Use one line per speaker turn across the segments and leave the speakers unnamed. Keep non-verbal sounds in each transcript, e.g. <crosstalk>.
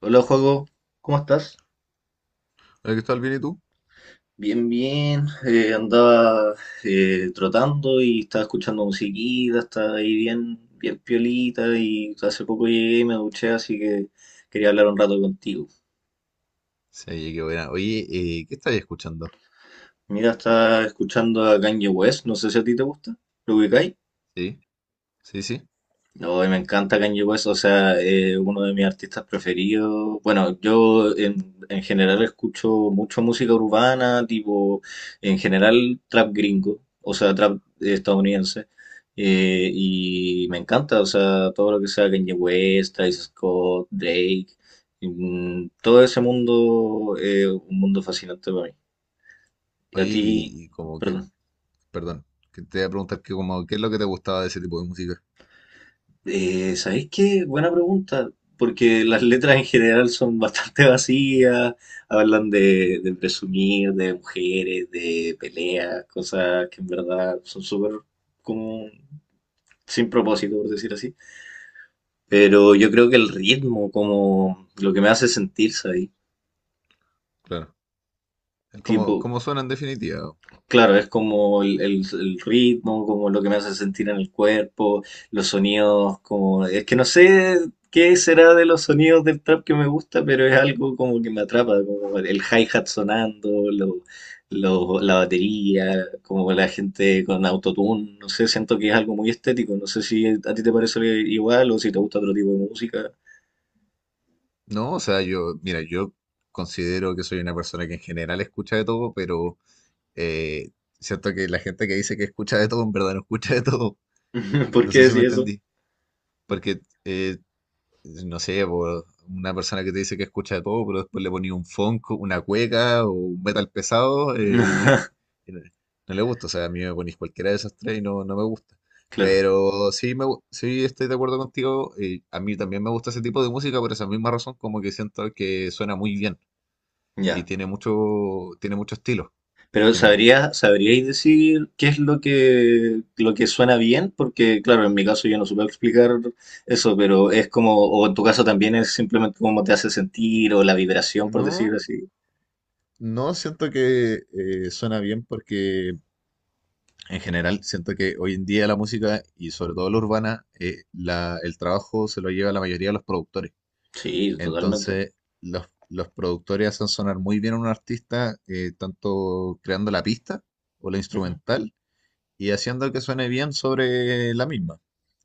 Hola, Juego, ¿cómo estás?
Hola, Cristóbal, ¿bien y tú?
Bien, bien. Andaba trotando y estaba escuchando musiquita, estaba ahí bien, bien piolita y hace poco llegué y me duché, así que quería hablar un rato contigo.
Sí, oye, qué buena. Oye, ¿qué estáis escuchando?
Mira, estaba escuchando a Kanye West, no sé si a ti te gusta, ¿lo ubicáis?
Sí, sí, sí.
No, y me encanta Kanye West, o sea, uno de mis artistas preferidos. Bueno, yo en general escucho mucho música urbana, tipo, en general trap gringo, o sea, trap estadounidense. Y me encanta, o sea, todo lo que sea Kanye West, Travis Scott, Drake, todo ese mundo, un mundo fascinante para mí. Y
Oye,
a ti,
y como que,
perdón.
perdón, que te voy a preguntar que como, ¿qué es lo que te gustaba de ese tipo de música?
¿Sabéis qué? Buena pregunta, porque las letras en general son bastante <laughs> vacías, hablan de presumir, de mujeres, de peleas, cosas que en verdad son súper como sin propósito, por decir así. Pero yo creo que el ritmo, como lo que me hace sentirse ahí,
Claro. cómo
tipo,
¿cómo suena en definitiva?
claro, es como el ritmo, como lo que me hace sentir en el cuerpo, los sonidos, como Es que no sé qué será de los sonidos del trap que me gusta, pero es algo como que me atrapa, como el hi-hat sonando, la batería, como la gente con autotune, no sé, siento que es algo muy estético, no sé si a ti te parece igual o si te gusta otro tipo de música.
No, o sea, yo, mira, yo considero que soy una persona que en general escucha de todo, pero eh, siento que la gente que dice que escucha de todo, en verdad no escucha de todo.
<laughs> ¿Por
No
qué
sé si me
decir eso?
entendí. Porque no sé, po, una persona que te dice que escucha de todo, pero después le ponía un funk, una cueca o un metal pesado,
<laughs>
y no, no le gusta. O sea, a mí me ponís cualquiera de esas tres y no, no me gusta.
Claro,
Pero sí, sí estoy de acuerdo contigo. Y a mí también me gusta ese tipo de música por esa misma razón, como que siento que suena muy bien y
ya.
tiene mucho estilo en
Pero
general.
sabríais decir qué es lo que suena bien, porque claro, en mi caso yo no supe explicar eso, pero es como, o en tu caso también es simplemente cómo te hace sentir o la vibración, por decirlo
No,
así.
no siento que suena bien porque en general, siento que hoy en día la música y sobre todo la urbana, el trabajo se lo lleva la mayoría de los productores.
Sí, totalmente.
Entonces, los productores hacen sonar muy bien a un artista, tanto creando la pista o la
Ujú.
instrumental y haciendo que suene bien sobre la misma.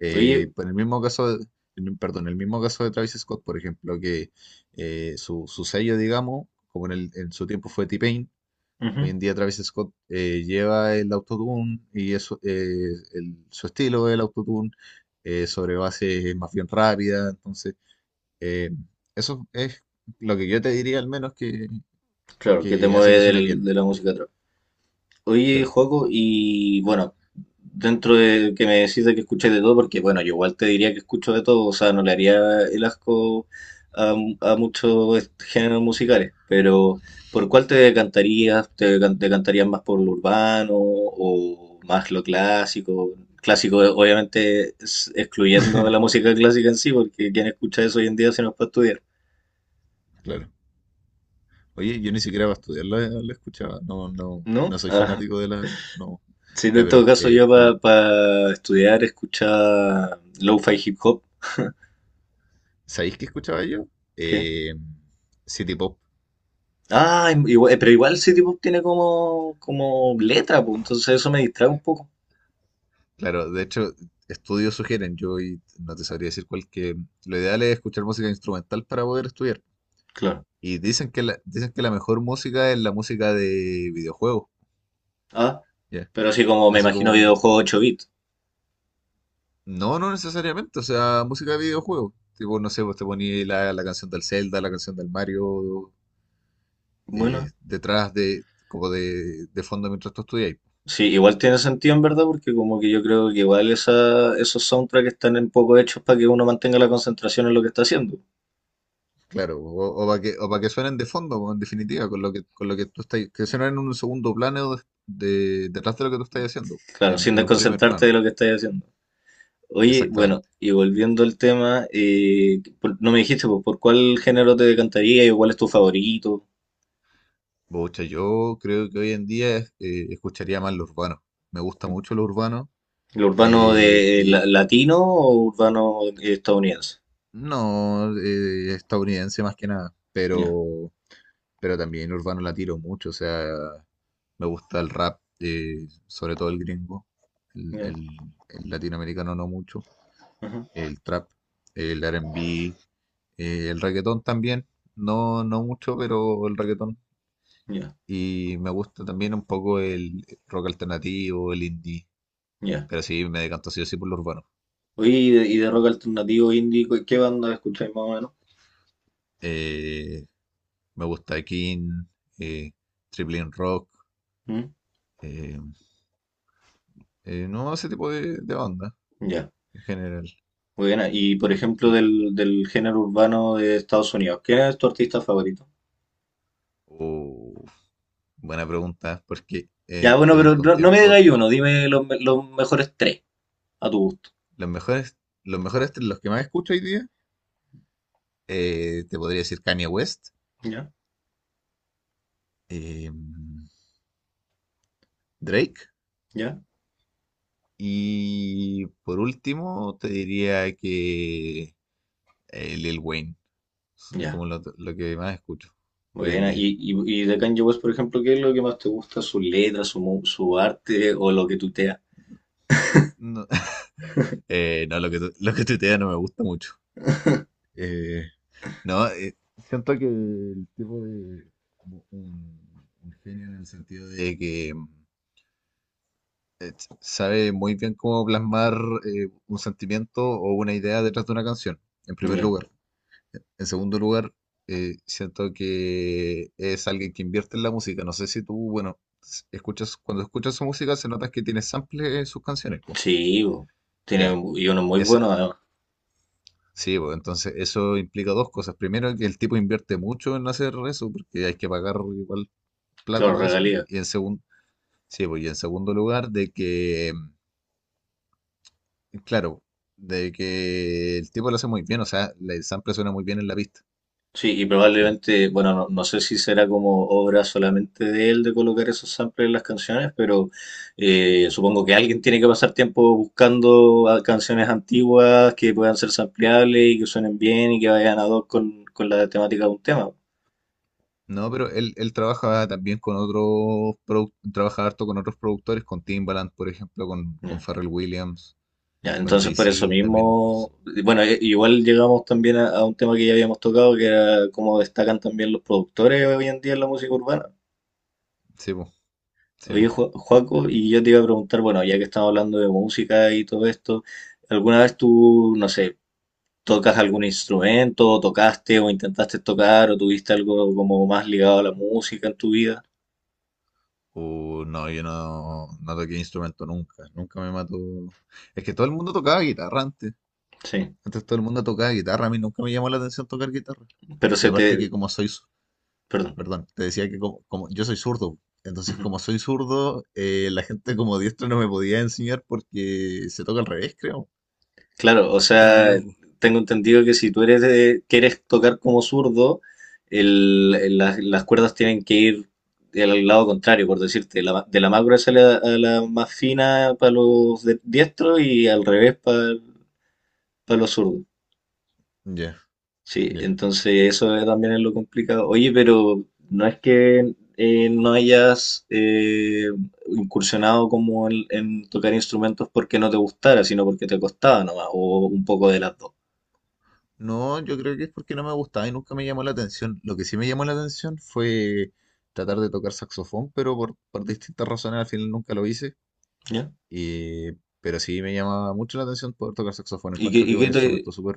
Oye,
Por el mismo caso, perdón, el mismo caso de Travis Scott, por ejemplo, que su, su sello, digamos, como en, en su tiempo fue T-Pain. Hoy
ujú,
en día Travis Scott lleva el autotune y eso, su estilo del autotune sobre bases más bien rápidas. Entonces, eh, eso es lo que yo te diría al menos
claro, que te
que hace
mueve
que suene
del-
bien.
de la música. Oye,
Claro,
Joaco, y bueno, dentro de que me decís de que escucháis de todo, porque bueno, yo igual te diría que escucho de todo, o sea, no le haría el asco a, a muchos est- géneros musicales, pero ¿por cuál te decantarías? ¿Te, te decantarías más por lo urbano o más lo clásico? Clásico, obviamente, es- excluyendo la música clásica en sí, porque quien escucha eso hoy en día se nos para estudiar,
claro. Oye, yo ni siquiera para estudiar la, la escuchaba. No, no,
¿no?
no soy
Ah,
fanático de la. No.
sí,
Ya,
en todo
pero
caso yo para estudiar escuchaba lo-fi hip hop.
¿sabéis qué escuchaba yo?
¿Qué?
Eh, City Pop.
Ah, pero igual City Pop tiene como, como letra, pues, entonces eso me distrae un poco.
Claro, de hecho, estudios sugieren, yo y no te sabría decir cuál, que lo ideal es escuchar música instrumental para poder estudiar.
Claro.
Y dicen que la mejor música es la música de videojuegos,
Ah,
¿ya?
pero así como me
Así
imagino
como, un...
videojuego 8 bits.
No, no necesariamente, o sea, música de videojuegos. Tipo, no sé, vos te ponías la, la canción del Zelda, la canción del Mario,
Bueno,
detrás de, como de fondo mientras tú estudias.
sí, igual tiene sentido en verdad, porque como que yo creo que igual esa, esos soundtracks están un poco hechos para que uno mantenga la concentración en lo que está haciendo.
Claro, o, para que, o pa' que suenen de fondo, po, en definitiva, con lo que tú estás, que suenen en un segundo plano detrás de lo que tú estás haciendo,
Claro, sin
en un primer
desconcentrarte
plano,
de lo que estás haciendo. Oye, bueno,
exactamente.
y volviendo al tema, no me dijiste, pues, ¿por cuál género te decantaría y cuál es tu favorito?
Pucha, yo creo que hoy en día escucharía más lo urbano. Me gusta mucho lo urbano,
¿El urbano
eh,
de
y
latino o urbano estadounidense?
no estadounidense más que nada,
Ya,
pero también urbano la tiro mucho, o sea, me gusta el rap, sobre todo el gringo, el
ya,
el- el latinoamericano no mucho.
ajá,
El trap, el R&B, el reggaetón también, no, no mucho, pero el reggaetón.
ya,
Y me gusta también un poco el rock alternativo, el indie,
ya.
pero sí, me decanto así o sí por lo urbano.
Oye, y de rock alternativo indie, ¿qué banda escucháis más o menos?
Eh, Me gusta King, eh, Triple M Rock,
¿Mm?
eh, no ese tipo de banda
Ya,
en general.
buena. Y por ejemplo,
Sí.
del género urbano de Estados Unidos, ¿quién es tu artista favorito?
Oh, buena pregunta, porque
Ya, bueno, pero
durante un
no, no me
tiempo
digas uno, dime los mejores tres a tu gusto.
los mejores, los mejores, los que más escucho hoy día, te podría decir Kanye West,
Ya,
eh, Drake.
ya,
Y por último, te diría que Lil Wayne. Es
ya.
como lo que más escucho hoy en
Buena.
día.
Y de Kanye West, por ejemplo, ¿qué es lo que más te gusta? ¿Su letra, su arte o lo que tutea?
No, <laughs> no, lo que, lo que tuitea no me gusta mucho. Eh, no, Siento que el tipo de un genio en el sentido de que sabe muy bien cómo plasmar un sentimiento o una idea detrás de una canción, en primer
Ya.
lugar. En segundo lugar, siento que es alguien que invierte en la música. No sé si tú, bueno, escuchas, cuando escuchas su música se nota que tiene sample en sus canciones, pues.
Sí, bo, tiene
Ya,
un- y uno muy bueno
ese,
además,
sí, pues, entonces eso implica dos cosas. Primero, que el tipo invierte mucho en hacer eso, porque hay que pagar igual plata
claro,
para eso.
regalía.
Y en segundo, sí, pues, y en segundo lugar, de que, claro, de que el tipo lo hace muy bien, o sea, el sample suena muy bien en la pista.
Sí, y
Ya.
probablemente, bueno, no, no sé si será como obra solamente de él de colocar esos samples en las canciones, pero supongo que alguien tiene que pasar tiempo buscando a- canciones antiguas que puedan ser sampleables y que suenen bien y que vayan ad hoc con la temática de un tema.
No, pero él trabaja también con otros, trabaja harto con otros productores, con Timbaland, por ejemplo, con
Ya.
Pharrell Williams,
Ya,
con
entonces por eso
Jay-Z también, entonces.
mismo, bueno, igual llegamos también a un tema que ya habíamos tocado, que era cómo destacan también los productores hoy en día en la música urbana.
Sí, po, sí,
Oye,
po.
Joaco, y yo te iba a preguntar, bueno, ya que estamos hablando de música y todo esto, ¿alguna vez tú, no sé, tocas algún instrumento, o tocaste o intentaste tocar o tuviste algo como más ligado a la música en tu vida?
No, yo no, no toqué instrumento nunca, nunca me mató. Es que todo el mundo tocaba guitarra antes,
Sí,
antes todo el mundo tocaba guitarra, a mí nunca me llamó la atención tocar guitarra.
pero
Y
se
aparte
te
que como soy,
Perdón.
perdón, te decía que como, como yo soy zurdo, entonces como soy zurdo, la gente como diestra no me podía enseñar porque se toca al revés, creo.
Claro, o
Si es que no me
sea,
equivoco.
tengo entendido que si tú eres quieres tocar como zurdo, las cuerdas tienen que ir al lado contrario, por decirte, de la más gruesa a la más fina para los de- diestros y al revés para los zurdos.
Ya,
Sí,
ya.
entonces eso es- también es lo complicado. Oye, pero no es que no hayas incursionado como en tocar instrumentos porque no te gustara, sino porque te costaba nomás, o un poco de las dos.
No, yo creo que es porque no me gustaba y nunca me llamó la atención. Lo que sí me llamó la atención fue tratar de tocar saxofón, pero por distintas razones al final nunca lo hice.
¿Ya?
Y- pero sí me llamaba mucho la atención poder tocar saxofón.
¿Y qué,
Encuentro que es un instrumento súper,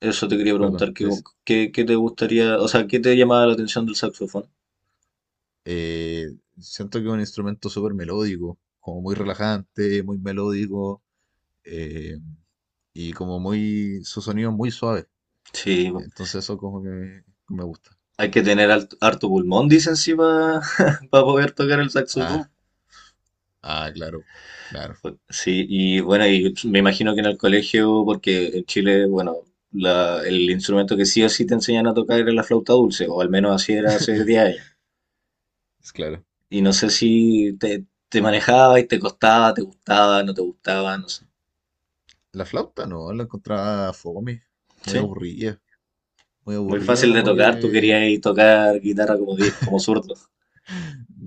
eso te quería
perdón,
preguntar, ¿qué,
es,
qué te gustaría, o sea, qué te llamaba la atención del saxofón?
eh, siento que es un instrumento súper melódico, como muy relajante, muy melódico, eh, y como muy, su sonido es muy suave.
Sí, po,
Entonces eso como que me gusta.
hay que tener harto pulmón, dicen, sí, para <laughs> poder tocar el
Ah,
saxofón.
ah, claro, claro.
Sí, y bueno, y me imagino que en el colegio, porque en Chile, bueno, el instrumento que sí o sí te enseñan a tocar era la flauta dulce, o al menos así era
<laughs>
hace
La...
10 años.
Es claro.
Y no sé si te, te manejaba y te costaba, te gustaba, no sé.
La flauta no, la encontraba fome, muy
Sí.
aburrida, muy
Muy
aburrida
fácil de
como
tocar, tú
que...
querías tocar guitarra como, di- como zurdo.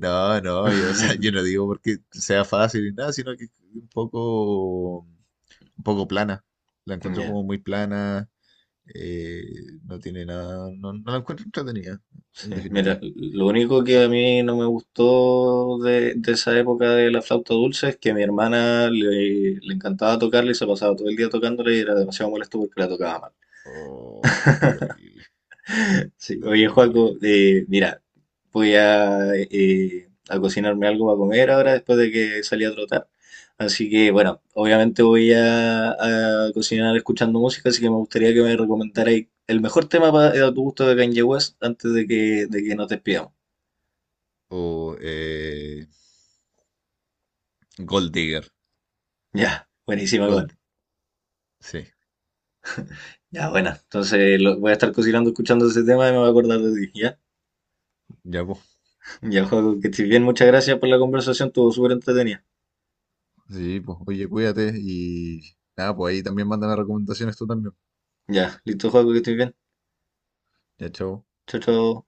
No, no, yo, <laughs> o sea, yo no
<laughs>
digo porque sea fácil ni nada, sino que un poco plana. La encuentro
Ya,
como muy plana, eh, no tiene nada, no, no la encuentro entretenida, en
sí. Mira,
definitiva.
lo único
Sí.
que a mí no me gustó de esa época de la flauta dulce es que a mi hermana le encantaba tocarla y se pasaba todo el día tocándola y era demasiado molesto porque la tocaba mal.
Oh, qué terrible, qué
Sí. Oye,
terrible.
Joaco, mira, voy a cocinarme algo para comer ahora después de que salí a trotar. Así que, bueno, obviamente voy a cocinar escuchando música, así que me gustaría que me recomendarais el mejor tema para, a tu gusto de Kanye West antes de que nos despidamos.
O Gold Digger,
Ya, buenísima igual.
Gold, sí,
Ya, bueno, entonces lo- voy a estar cocinando escuchando ese tema y me voy a acordar de ti, ¿ya?
ya vos.
Ya, Joaco, que estés bien, muchas gracias por la conversación, estuvo súper entretenida.
Sí, pues, oye, cuídate y nada, pues ahí también mándame recomendaciones tú también.
Ya, listo, Joaco, que estés bien.
Ya, chao.
Chao, chao.